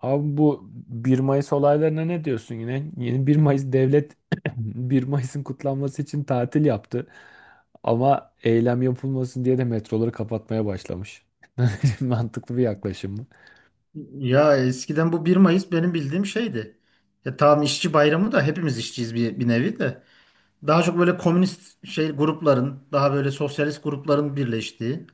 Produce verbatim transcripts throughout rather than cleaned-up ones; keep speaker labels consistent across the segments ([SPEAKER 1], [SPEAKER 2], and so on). [SPEAKER 1] Abi bu bir Mayıs olaylarına ne diyorsun yine? Yeni bir Mayıs devlet bir Mayıs'ın kutlanması için tatil yaptı. Ama eylem yapılmasın diye de metroları kapatmaya başlamış. Mantıklı bir yaklaşım mı?
[SPEAKER 2] Ya eskiden bu bir Mayıs benim bildiğim şeydi. Ya tamam, işçi bayramı da hepimiz işçiyiz bir, bir nevi de. Daha çok böyle komünist şey grupların, daha böyle sosyalist grupların birleştiği,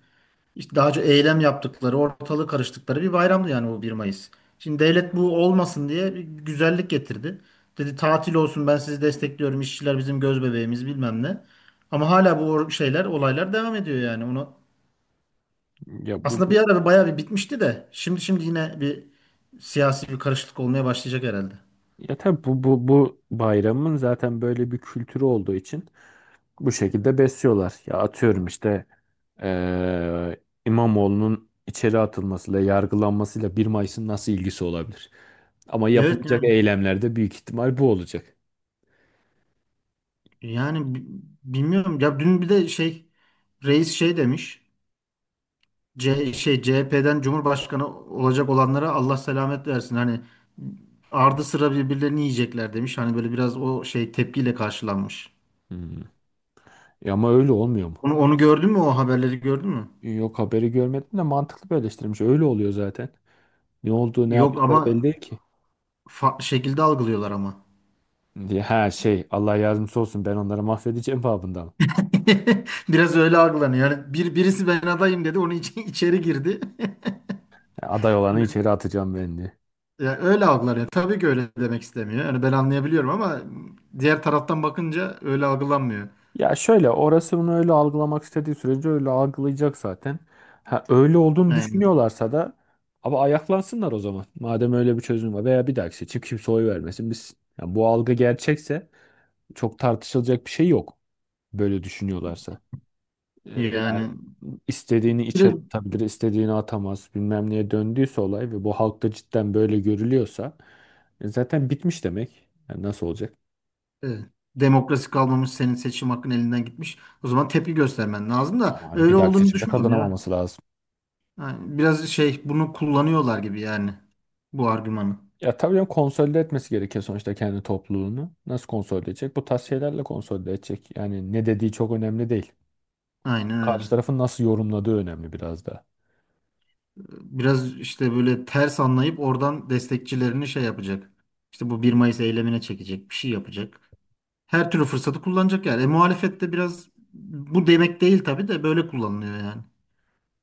[SPEAKER 2] işte daha çok eylem yaptıkları, ortalığı karıştıkları bir bayramdı yani bu bir Mayıs. Şimdi devlet bu olmasın diye bir güzellik getirdi. Dedi tatil olsun, ben sizi destekliyorum, işçiler bizim göz bebeğimiz bilmem ne. Ama hala bu or- şeyler, olaylar devam ediyor yani. Ona
[SPEAKER 1] Ya bu,
[SPEAKER 2] aslında bir
[SPEAKER 1] bu
[SPEAKER 2] ara bayağı bir bitmişti de şimdi şimdi yine bir siyasi bir karışıklık olmaya başlayacak herhalde.
[SPEAKER 1] ya tabii bu, bu bu bayramın zaten böyle bir kültürü olduğu için bu şekilde besliyorlar. Ya atıyorum işte eee İmamoğlu'nun içeri atılmasıyla, yargılanmasıyla bir Mayıs'ın nasıl ilgisi olabilir? Ama
[SPEAKER 2] Evet,
[SPEAKER 1] yapılacak
[SPEAKER 2] yani,
[SPEAKER 1] eylemlerde büyük ihtimal bu olacak.
[SPEAKER 2] yani bi- bilmiyorum ya, dün bir de şey, reis şey demiş. C şey C H P'den Cumhurbaşkanı olacak olanlara Allah selamet versin. Hani ardı sıra birbirlerini yiyecekler demiş. Hani böyle biraz o şey tepkiyle karşılanmış.
[SPEAKER 1] Hmm. Ya ama öyle olmuyor mu?
[SPEAKER 2] Onu onu gördün mü, o haberleri gördün mü?
[SPEAKER 1] Yok, haberi görmedim de mantıklı bir eleştirmiş. Öyle oluyor zaten. Ne olduğu ne
[SPEAKER 2] Yok
[SPEAKER 1] yaptıkları belli
[SPEAKER 2] ama
[SPEAKER 1] değil ki.
[SPEAKER 2] farklı şekilde algılıyorlar ama.
[SPEAKER 1] Diye, ha şey, Allah yardımcısı olsun, ben onları mahvedeceğim babından.
[SPEAKER 2] Biraz öyle algılanıyor. Yani bir, birisi ben adayım dedi. Onun için içeri girdi.
[SPEAKER 1] Aday olanı
[SPEAKER 2] Yani,
[SPEAKER 1] içeri atacağım ben diye.
[SPEAKER 2] ya öyle algılanıyor. Tabii ki öyle demek istemiyor. Yani ben anlayabiliyorum ama diğer taraftan bakınca öyle algılanmıyor.
[SPEAKER 1] Ya şöyle, orası bunu öyle algılamak istediği sürece öyle algılayacak zaten. Ha, öyle olduğunu
[SPEAKER 2] Yani,
[SPEAKER 1] düşünüyorlarsa da ama ayaklansınlar o zaman. Madem öyle bir çözüm var veya bir dahaki seçim kimse oy vermesin biz. Ya bu algı gerçekse çok tartışılacak bir şey yok. Böyle düşünüyorlarsa. Ee, yani
[SPEAKER 2] yani
[SPEAKER 1] istediğini içe
[SPEAKER 2] bir-
[SPEAKER 1] atabilir, istediğini atamaz. Bilmem neye döndüyse olay ve bu halkta cidden böyle görülüyorsa e, zaten bitmiş demek. Yani nasıl olacak?
[SPEAKER 2] evet, demokrasi kalmamış, senin seçim hakkın elinden gitmiş. O zaman tepki göstermen lazım da
[SPEAKER 1] Yani bir
[SPEAKER 2] öyle
[SPEAKER 1] dahaki
[SPEAKER 2] olduğunu
[SPEAKER 1] seçimde
[SPEAKER 2] düşünmüyorum ya.
[SPEAKER 1] kazanamaması lazım.
[SPEAKER 2] Yani biraz şey bunu kullanıyorlar gibi yani, bu argümanı.
[SPEAKER 1] Ya tabii canım, konsolide etmesi gerekiyor sonuçta kendi topluluğunu. Nasıl konsolide edecek? Bu tarz şeylerle konsolide edecek. Yani ne dediği çok önemli değil.
[SPEAKER 2] Aynen
[SPEAKER 1] Karşı
[SPEAKER 2] öyle.
[SPEAKER 1] tarafın nasıl yorumladığı önemli biraz da.
[SPEAKER 2] Biraz işte böyle ters anlayıp oradan destekçilerini şey yapacak. İşte bu bir Mayıs eylemine çekecek, bir şey yapacak. Her türlü fırsatı kullanacak yani. E, muhalefet de biraz bu demek değil tabii de böyle kullanılıyor yani.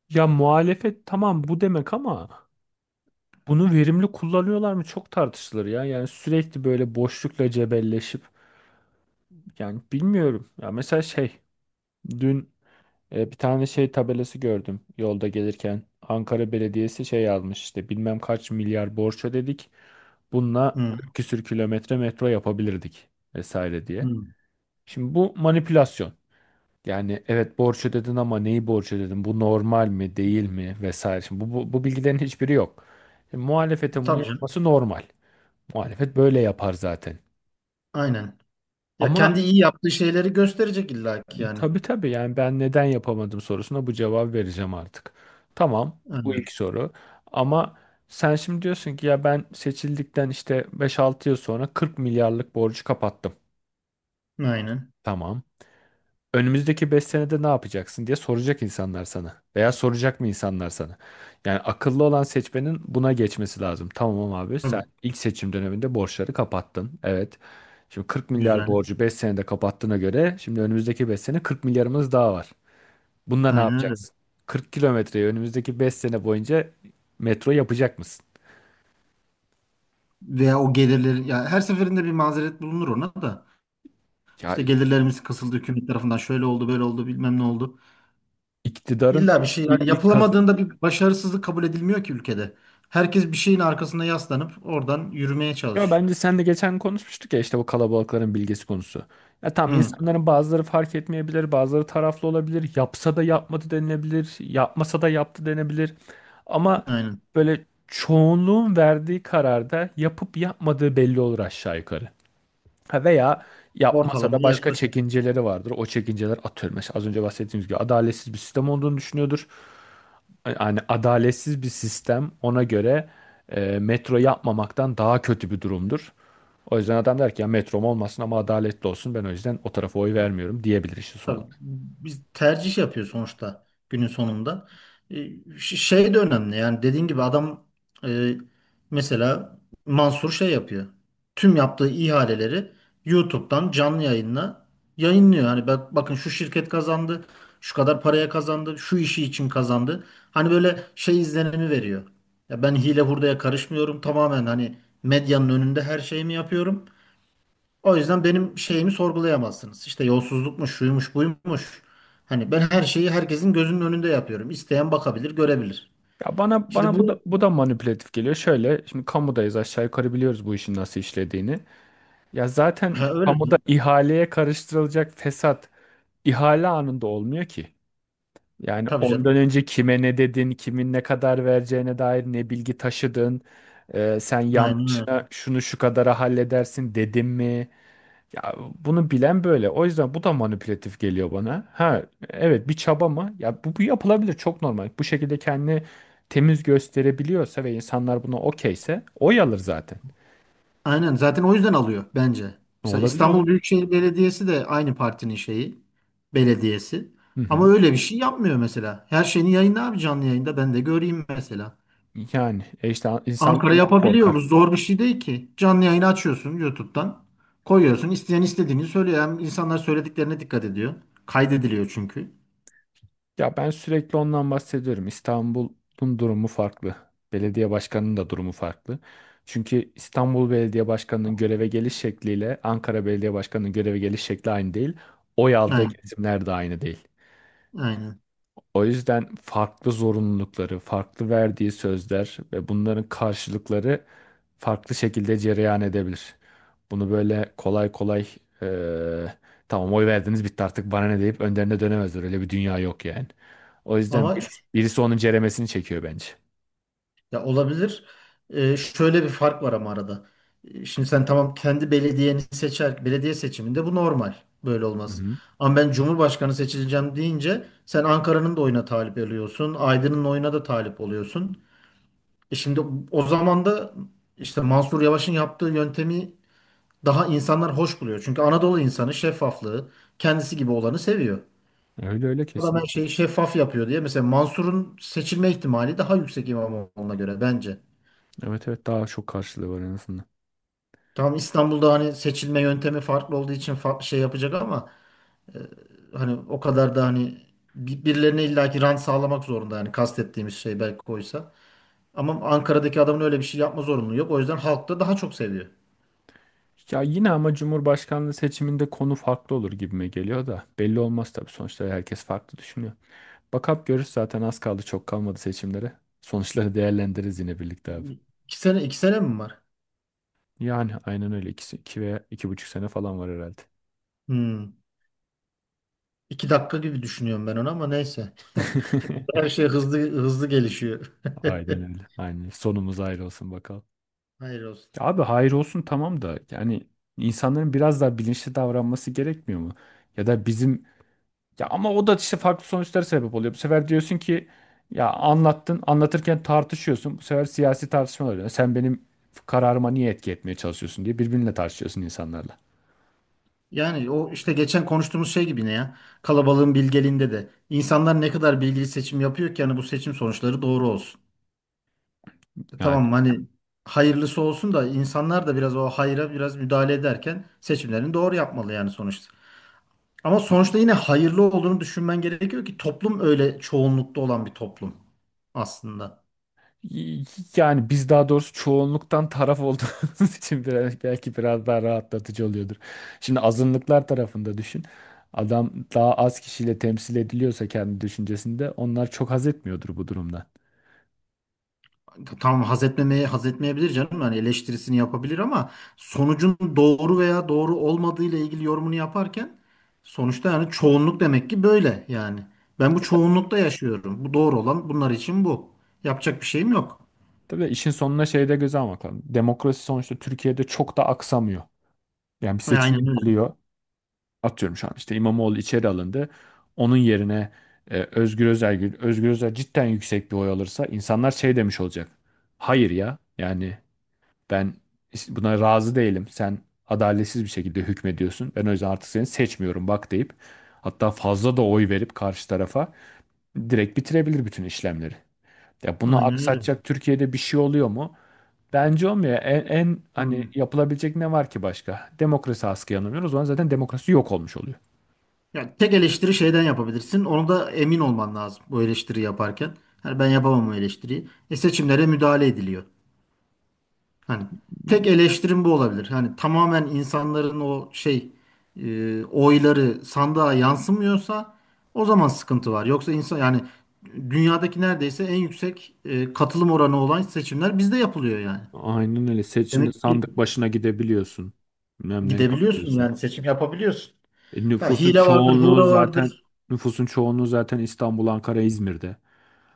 [SPEAKER 1] Ya muhalefet, tamam bu demek, ama bunu verimli kullanıyorlar mı çok tartışılır ya. Yani sürekli böyle boşlukla cebelleşip. Yani bilmiyorum. Ya mesela şey, dün e, bir tane şey tabelası gördüm yolda gelirken. Ankara Belediyesi şey almış, işte bilmem kaç milyar borç ödedik. Bununla
[SPEAKER 2] Hı,
[SPEAKER 1] kırk küsür kilometre metro yapabilirdik vesaire diye.
[SPEAKER 2] hı.
[SPEAKER 1] Şimdi bu manipülasyon. Yani evet, borç ödedin, ama neyi borç ödedin? Bu normal mi değil mi vesaire. Şimdi bu, bu, bu bilgilerin hiçbiri yok. Şimdi muhalefetin bunu
[SPEAKER 2] Tabii canım.
[SPEAKER 1] yapması normal. Muhalefet böyle yapar zaten.
[SPEAKER 2] Aynen. Ya
[SPEAKER 1] Ama
[SPEAKER 2] kendi iyi yaptığı şeyleri gösterecek illaki yani.
[SPEAKER 1] Tabii tabii, yani ben neden yapamadım sorusuna bu cevabı vereceğim artık. Tamam, bu
[SPEAKER 2] Aynen.
[SPEAKER 1] ilk soru ama sen şimdi diyorsun ki ya, ben seçildikten işte beş altı yıl sonra kırk milyarlık borcu kapattım.
[SPEAKER 2] Aynen.
[SPEAKER 1] Tamam. Önümüzdeki beş senede ne yapacaksın diye soracak insanlar sana. Veya soracak mı insanlar sana? Yani akıllı olan seçmenin buna geçmesi lazım. Tamam abi, sen
[SPEAKER 2] Tabii.
[SPEAKER 1] ilk seçim döneminde borçları kapattın. Evet. Şimdi kırk milyar
[SPEAKER 2] Güzel.
[SPEAKER 1] borcu beş senede kapattığına göre şimdi önümüzdeki beş sene kırk milyarımız daha var. Bununla ne
[SPEAKER 2] Aynen öyle.
[SPEAKER 1] yapacaksın? kırk kilometreyi önümüzdeki beş sene boyunca metro yapacak mısın?
[SPEAKER 2] Veya o gelirlerin ya, her seferinde bir mazeret bulunur ona da.
[SPEAKER 1] Ya
[SPEAKER 2] İşte gelirlerimiz kısıldı hükümet tarafından, şöyle oldu, böyle oldu, bilmem ne oldu.
[SPEAKER 1] iktidarın
[SPEAKER 2] İlla bir
[SPEAKER 1] ilk,
[SPEAKER 2] şey
[SPEAKER 1] ilk,
[SPEAKER 2] yani
[SPEAKER 1] ilk kazı-
[SPEAKER 2] yapılamadığında bir başarısızlık kabul edilmiyor ki ülkede. Herkes bir şeyin arkasına yaslanıp oradan yürümeye
[SPEAKER 1] Ya
[SPEAKER 2] çalış.
[SPEAKER 1] bence sen de geçen konuşmuştuk ya, işte bu kalabalıkların bilgesi konusu. Ya tamam,
[SPEAKER 2] Hı,
[SPEAKER 1] insanların bazıları fark etmeyebilir, bazıları taraflı olabilir. Yapsa da yapmadı denilebilir, yapmasa da yaptı denebilir. Ama
[SPEAKER 2] aynen.
[SPEAKER 1] böyle çoğunluğun verdiği kararda yapıp yapmadığı belli olur aşağı yukarı. Ha, Veya yapmasa da
[SPEAKER 2] Ortalamaya
[SPEAKER 1] başka
[SPEAKER 2] yaklaş.
[SPEAKER 1] çekinceleri vardır. O çekinceler, atıyorum. Mesela az önce bahsettiğimiz gibi adaletsiz bir sistem olduğunu düşünüyordur. Yani adaletsiz bir sistem ona göre e, metro yapmamaktan daha kötü bir durumdur. O yüzden adam der ki ya, metrom olmasın ama adaletli olsun. Ben o yüzden o tarafa oy vermiyorum diyebilir işin
[SPEAKER 2] Tabii,
[SPEAKER 1] sonunda.
[SPEAKER 2] biz tercih yapıyor sonuçta günün sonunda. E, ş- Şey de önemli, yani dediğin gibi adam, e, mesela Mansur şey yapıyor. Tüm yaptığı ihaleleri YouTube'dan canlı yayınla yayınlıyor. Hani bak, bakın şu şirket kazandı, şu kadar paraya kazandı, şu işi için kazandı. Hani böyle şey izlenimi veriyor. Ya, ben hile hurdaya karışmıyorum. Tamamen hani medyanın önünde her şeyimi yapıyorum. O yüzden benim şeyimi sorgulayamazsınız. İşte yolsuzlukmuş, şuymuş, buymuş. Hani ben her şeyi herkesin gözünün önünde yapıyorum. İsteyen bakabilir, görebilir.
[SPEAKER 1] Ya bana
[SPEAKER 2] Şimdi
[SPEAKER 1] bana bu
[SPEAKER 2] bu,
[SPEAKER 1] da bu da manipülatif geliyor. Şöyle şimdi kamudayız, aşağı yukarı biliyoruz bu işin nasıl işlediğini. Ya zaten
[SPEAKER 2] ha, öyle,
[SPEAKER 1] kamuda ihaleye karıştırılacak fesat ihale anında olmuyor ki. Yani
[SPEAKER 2] tabii canım.
[SPEAKER 1] ondan önce kime ne dedin, kimin ne kadar vereceğine dair ne bilgi taşıdın, e, sen
[SPEAKER 2] Aynen öyle.
[SPEAKER 1] yanlışına şunu şu kadara halledersin dedim mi? Ya bunu bilen böyle. O yüzden bu da manipülatif geliyor bana. Ha, evet, bir çaba mı? Ya bu, bu yapılabilir, çok normal. Bu şekilde kendini temiz gösterebiliyorsa ve insanlar buna okeyse oy alır zaten.
[SPEAKER 2] Aynen, zaten o yüzden alıyor bence. Mesela
[SPEAKER 1] Olabilir,
[SPEAKER 2] İstanbul
[SPEAKER 1] olabilir.
[SPEAKER 2] Büyükşehir Belediyesi de aynı partinin şeyi, belediyesi.
[SPEAKER 1] Hı
[SPEAKER 2] Ama
[SPEAKER 1] hı.
[SPEAKER 2] öyle bir şey yapmıyor mesela. Her şeyini yayınla abi, canlı yayında ben de göreyim mesela.
[SPEAKER 1] Yani e işte insanlar
[SPEAKER 2] Ankara
[SPEAKER 1] ondan
[SPEAKER 2] yapabiliyor. Bu
[SPEAKER 1] korkar.
[SPEAKER 2] zor bir şey değil ki. Canlı yayını açıyorsun YouTube'dan. Koyuyorsun. İsteyen istediğini söylüyor. Hem insanlar söylediklerine dikkat ediyor. Kaydediliyor çünkü.
[SPEAKER 1] Ya ben sürekli ondan bahsediyorum. İstanbul'un durumu farklı. Belediye başkanının da durumu farklı. Çünkü İstanbul Belediye Başkanı'nın göreve geliş şekliyle Ankara Belediye Başkanı'nın göreve geliş şekli aynı değil. Oy aldığı
[SPEAKER 2] Aynen.
[SPEAKER 1] kesimler de aynı değil.
[SPEAKER 2] Aynen.
[SPEAKER 1] O yüzden farklı zorunlulukları, farklı verdiği sözler ve bunların karşılıkları farklı şekilde cereyan edebilir. Bunu böyle kolay kolay eee, tamam oy verdiniz, bitti artık, bana ne deyip önderine dönemezler. Öyle bir dünya yok yani. O yüzden
[SPEAKER 2] Ama ş-
[SPEAKER 1] birisi, birisi onun ceremesini çekiyor bence.
[SPEAKER 2] ya olabilir. Ee, şöyle bir fark var ama arada. Ee, Şimdi sen, tamam, kendi belediyeni seçer. Belediye seçiminde bu normal. Böyle
[SPEAKER 1] Hı
[SPEAKER 2] olmaz.
[SPEAKER 1] hı.
[SPEAKER 2] Ama ben Cumhurbaşkanı seçileceğim deyince sen Ankara'nın da oyuna talip oluyorsun. Aydın'ın oyuna da talip oluyorsun. E şimdi, o zaman da işte Mansur Yavaş'ın yaptığı yöntemi daha insanlar hoş buluyor. Çünkü Anadolu insanı şeffaflığı, kendisi gibi olanı seviyor.
[SPEAKER 1] Öyle öyle,
[SPEAKER 2] Adam her
[SPEAKER 1] kesin.
[SPEAKER 2] şeyi şeffaf yapıyor diye. Mesela Mansur'un seçilme ihtimali daha yüksek İmamoğlu'na göre bence.
[SPEAKER 1] Evet evet, daha çok karşılığı var en azından.
[SPEAKER 2] Tamam, İstanbul'da hani seçilme yöntemi farklı olduğu için farklı şey yapacak ama hani o kadar da hani bir- birilerine illaki rant sağlamak zorunda, yani kastettiğimiz şey belki koysa. Ama Ankara'daki adamın öyle bir şey yapma zorunluluğu yok. O yüzden halk da daha çok seviyor.
[SPEAKER 1] Ya yine ama Cumhurbaşkanlığı seçiminde konu farklı olur gibime geliyor da belli olmaz tabii, sonuçta herkes farklı düşünüyor. Bakap görür zaten, az kaldı çok kalmadı seçimlere. Sonuçları değerlendiririz yine birlikte abi.
[SPEAKER 2] İki sene, iki sene mi var?
[SPEAKER 1] Yani aynen öyle. İki, iki veya iki buçuk sene falan var herhalde.
[SPEAKER 2] Hmm. İki dakika gibi düşünüyorum ben onu ama neyse. Her şey hızlı hızlı gelişiyor.
[SPEAKER 1] Aynen öyle. Aynen. Sonumuz hayır olsun bakalım.
[SPEAKER 2] Hayır olsun.
[SPEAKER 1] Ya abi,
[SPEAKER 2] Tamam.
[SPEAKER 1] hayır olsun tamam da yani insanların biraz daha bilinçli davranması gerekmiyor mu? Ya da bizim, ya ama o da işte farklı sonuçlara sebep oluyor. Bu sefer diyorsun ki ya, anlattın, anlatırken tartışıyorsun. Bu sefer siyasi tartışmalar oluyor. Sen benim kararıma niye etki etmeye çalışıyorsun diye birbirinle tartışıyorsun insanlarla.
[SPEAKER 2] Yani o, işte geçen konuştuğumuz şey gibi ne ya? Kalabalığın bilgeliğinde de. İnsanlar ne kadar bilgili seçim yapıyor ki, yani bu seçim sonuçları doğru olsun. E
[SPEAKER 1] Yani.
[SPEAKER 2] tamam, hani hayırlısı olsun da insanlar da biraz o hayra biraz müdahale ederken seçimlerini doğru yapmalı yani sonuçta. Ama sonuçta yine hayırlı olduğunu düşünmen gerekiyor ki, toplum öyle çoğunlukta olan bir toplum aslında.
[SPEAKER 1] Y- Yani biz, daha doğrusu çoğunluktan taraf olduğumuz için biraz, belki biraz daha rahatlatıcı oluyordur. Şimdi azınlıklar tarafında düşün. Adam daha az kişiyle temsil ediliyorsa kendi düşüncesinde, onlar çok haz etmiyordur bu durumdan.
[SPEAKER 2] Tamam, haz etmemeye haz etmeyebilir canım. Yani eleştirisini yapabilir ama sonucun doğru veya doğru olmadığı ile ilgili yorumunu yaparken sonuçta yani çoğunluk demek ki böyle yani. Ben bu çoğunlukta yaşıyorum. Bu doğru olan, bunlar için bu. Yapacak bir şeyim yok.
[SPEAKER 1] Tabii işin sonuna şey de, göze almak lazım. Demokrasi sonuçta Türkiye'de çok da aksamıyor. Yani bir
[SPEAKER 2] E,
[SPEAKER 1] seçim
[SPEAKER 2] aynen öyle.
[SPEAKER 1] yapılıyor. Atıyorum şu an işte İmamoğlu içeri alındı. Onun yerine e, Özgür Özel, Özgür Özel cidden yüksek bir oy alırsa insanlar şey demiş olacak. Hayır ya, yani ben işte buna razı değilim. Sen adaletsiz bir şekilde hükmediyorsun. Ben o yüzden artık seni seçmiyorum bak deyip hatta fazla da oy verip karşı tarafa direkt bitirebilir bütün işlemleri. Ya bunu
[SPEAKER 2] Aynen öyle.
[SPEAKER 1] aksatacak Türkiye'de bir şey oluyor mu? Bence olmuyor. En, en hani
[SPEAKER 2] Hmm.
[SPEAKER 1] yapılabilecek ne var ki başka? Demokrasi askıya alınıyor. O zaman zaten demokrasi yok olmuş oluyor.
[SPEAKER 2] Ya tek eleştiri şeyden yapabilirsin. Onu da emin olman lazım bu eleştiri yaparken. Yani ben yapamam o eleştiriyi. E seçimlere müdahale ediliyor. Hani tek eleştirim bu olabilir. Hani tamamen insanların o şey, e, oyları sandığa yansımıyorsa o zaman sıkıntı var. Yoksa insan yani dünyadaki neredeyse en yüksek e, katılım oranı olan seçimler bizde yapılıyor yani.
[SPEAKER 1] Aynen öyle. Seçimde
[SPEAKER 2] Demek ki
[SPEAKER 1] sandık başına gidebiliyorsun. Bilmem ne
[SPEAKER 2] gidebiliyorsun,
[SPEAKER 1] yapabiliyorsun.
[SPEAKER 2] yani seçim yapabiliyorsun.
[SPEAKER 1] E,
[SPEAKER 2] Ha,
[SPEAKER 1] nüfusun
[SPEAKER 2] hile vardır,
[SPEAKER 1] çoğunluğu
[SPEAKER 2] hura
[SPEAKER 1] zaten
[SPEAKER 2] vardır.
[SPEAKER 1] nüfusun çoğunluğu zaten İstanbul, Ankara, İzmir'de.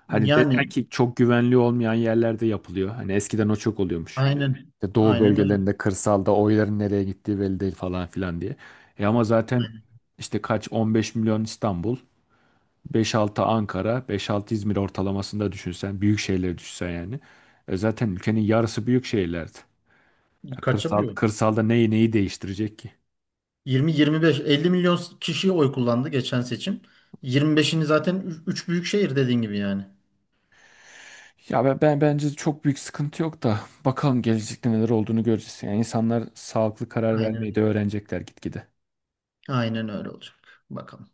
[SPEAKER 1] Hani
[SPEAKER 2] Yani
[SPEAKER 1] desen ki çok güvenli olmayan yerlerde yapılıyor. Hani eskiden o çok oluyormuş.
[SPEAKER 2] aynen,
[SPEAKER 1] İşte doğu
[SPEAKER 2] aynen öyle.
[SPEAKER 1] bölgelerinde, kırsalda oyların nereye gittiği belli değil falan filan diye. E ama zaten
[SPEAKER 2] Aynen.
[SPEAKER 1] işte kaç on beş milyon İstanbul, beş altı Ankara, beş altı İzmir ortalamasında düşünsen, büyük şehirleri düşünsen yani. E zaten ülkenin yarısı büyük şehirlerdi. Ya kırsal,
[SPEAKER 2] Kaçamıyor.
[SPEAKER 1] kırsalda neyi neyi değiştirecek ki?
[SPEAKER 2] yirmi, yirmi beş, elli milyon kişi oy kullandı geçen seçim. yirmi beşini zaten üç büyük şehir dediğin gibi yani.
[SPEAKER 1] Ya ben, ben bence çok büyük sıkıntı yok da bakalım gelecekte neler olduğunu göreceğiz. Yani insanlar sağlıklı karar
[SPEAKER 2] Aynen
[SPEAKER 1] vermeyi
[SPEAKER 2] öyle.
[SPEAKER 1] de öğrenecekler gitgide.
[SPEAKER 2] Aynen öyle olacak. Bakalım.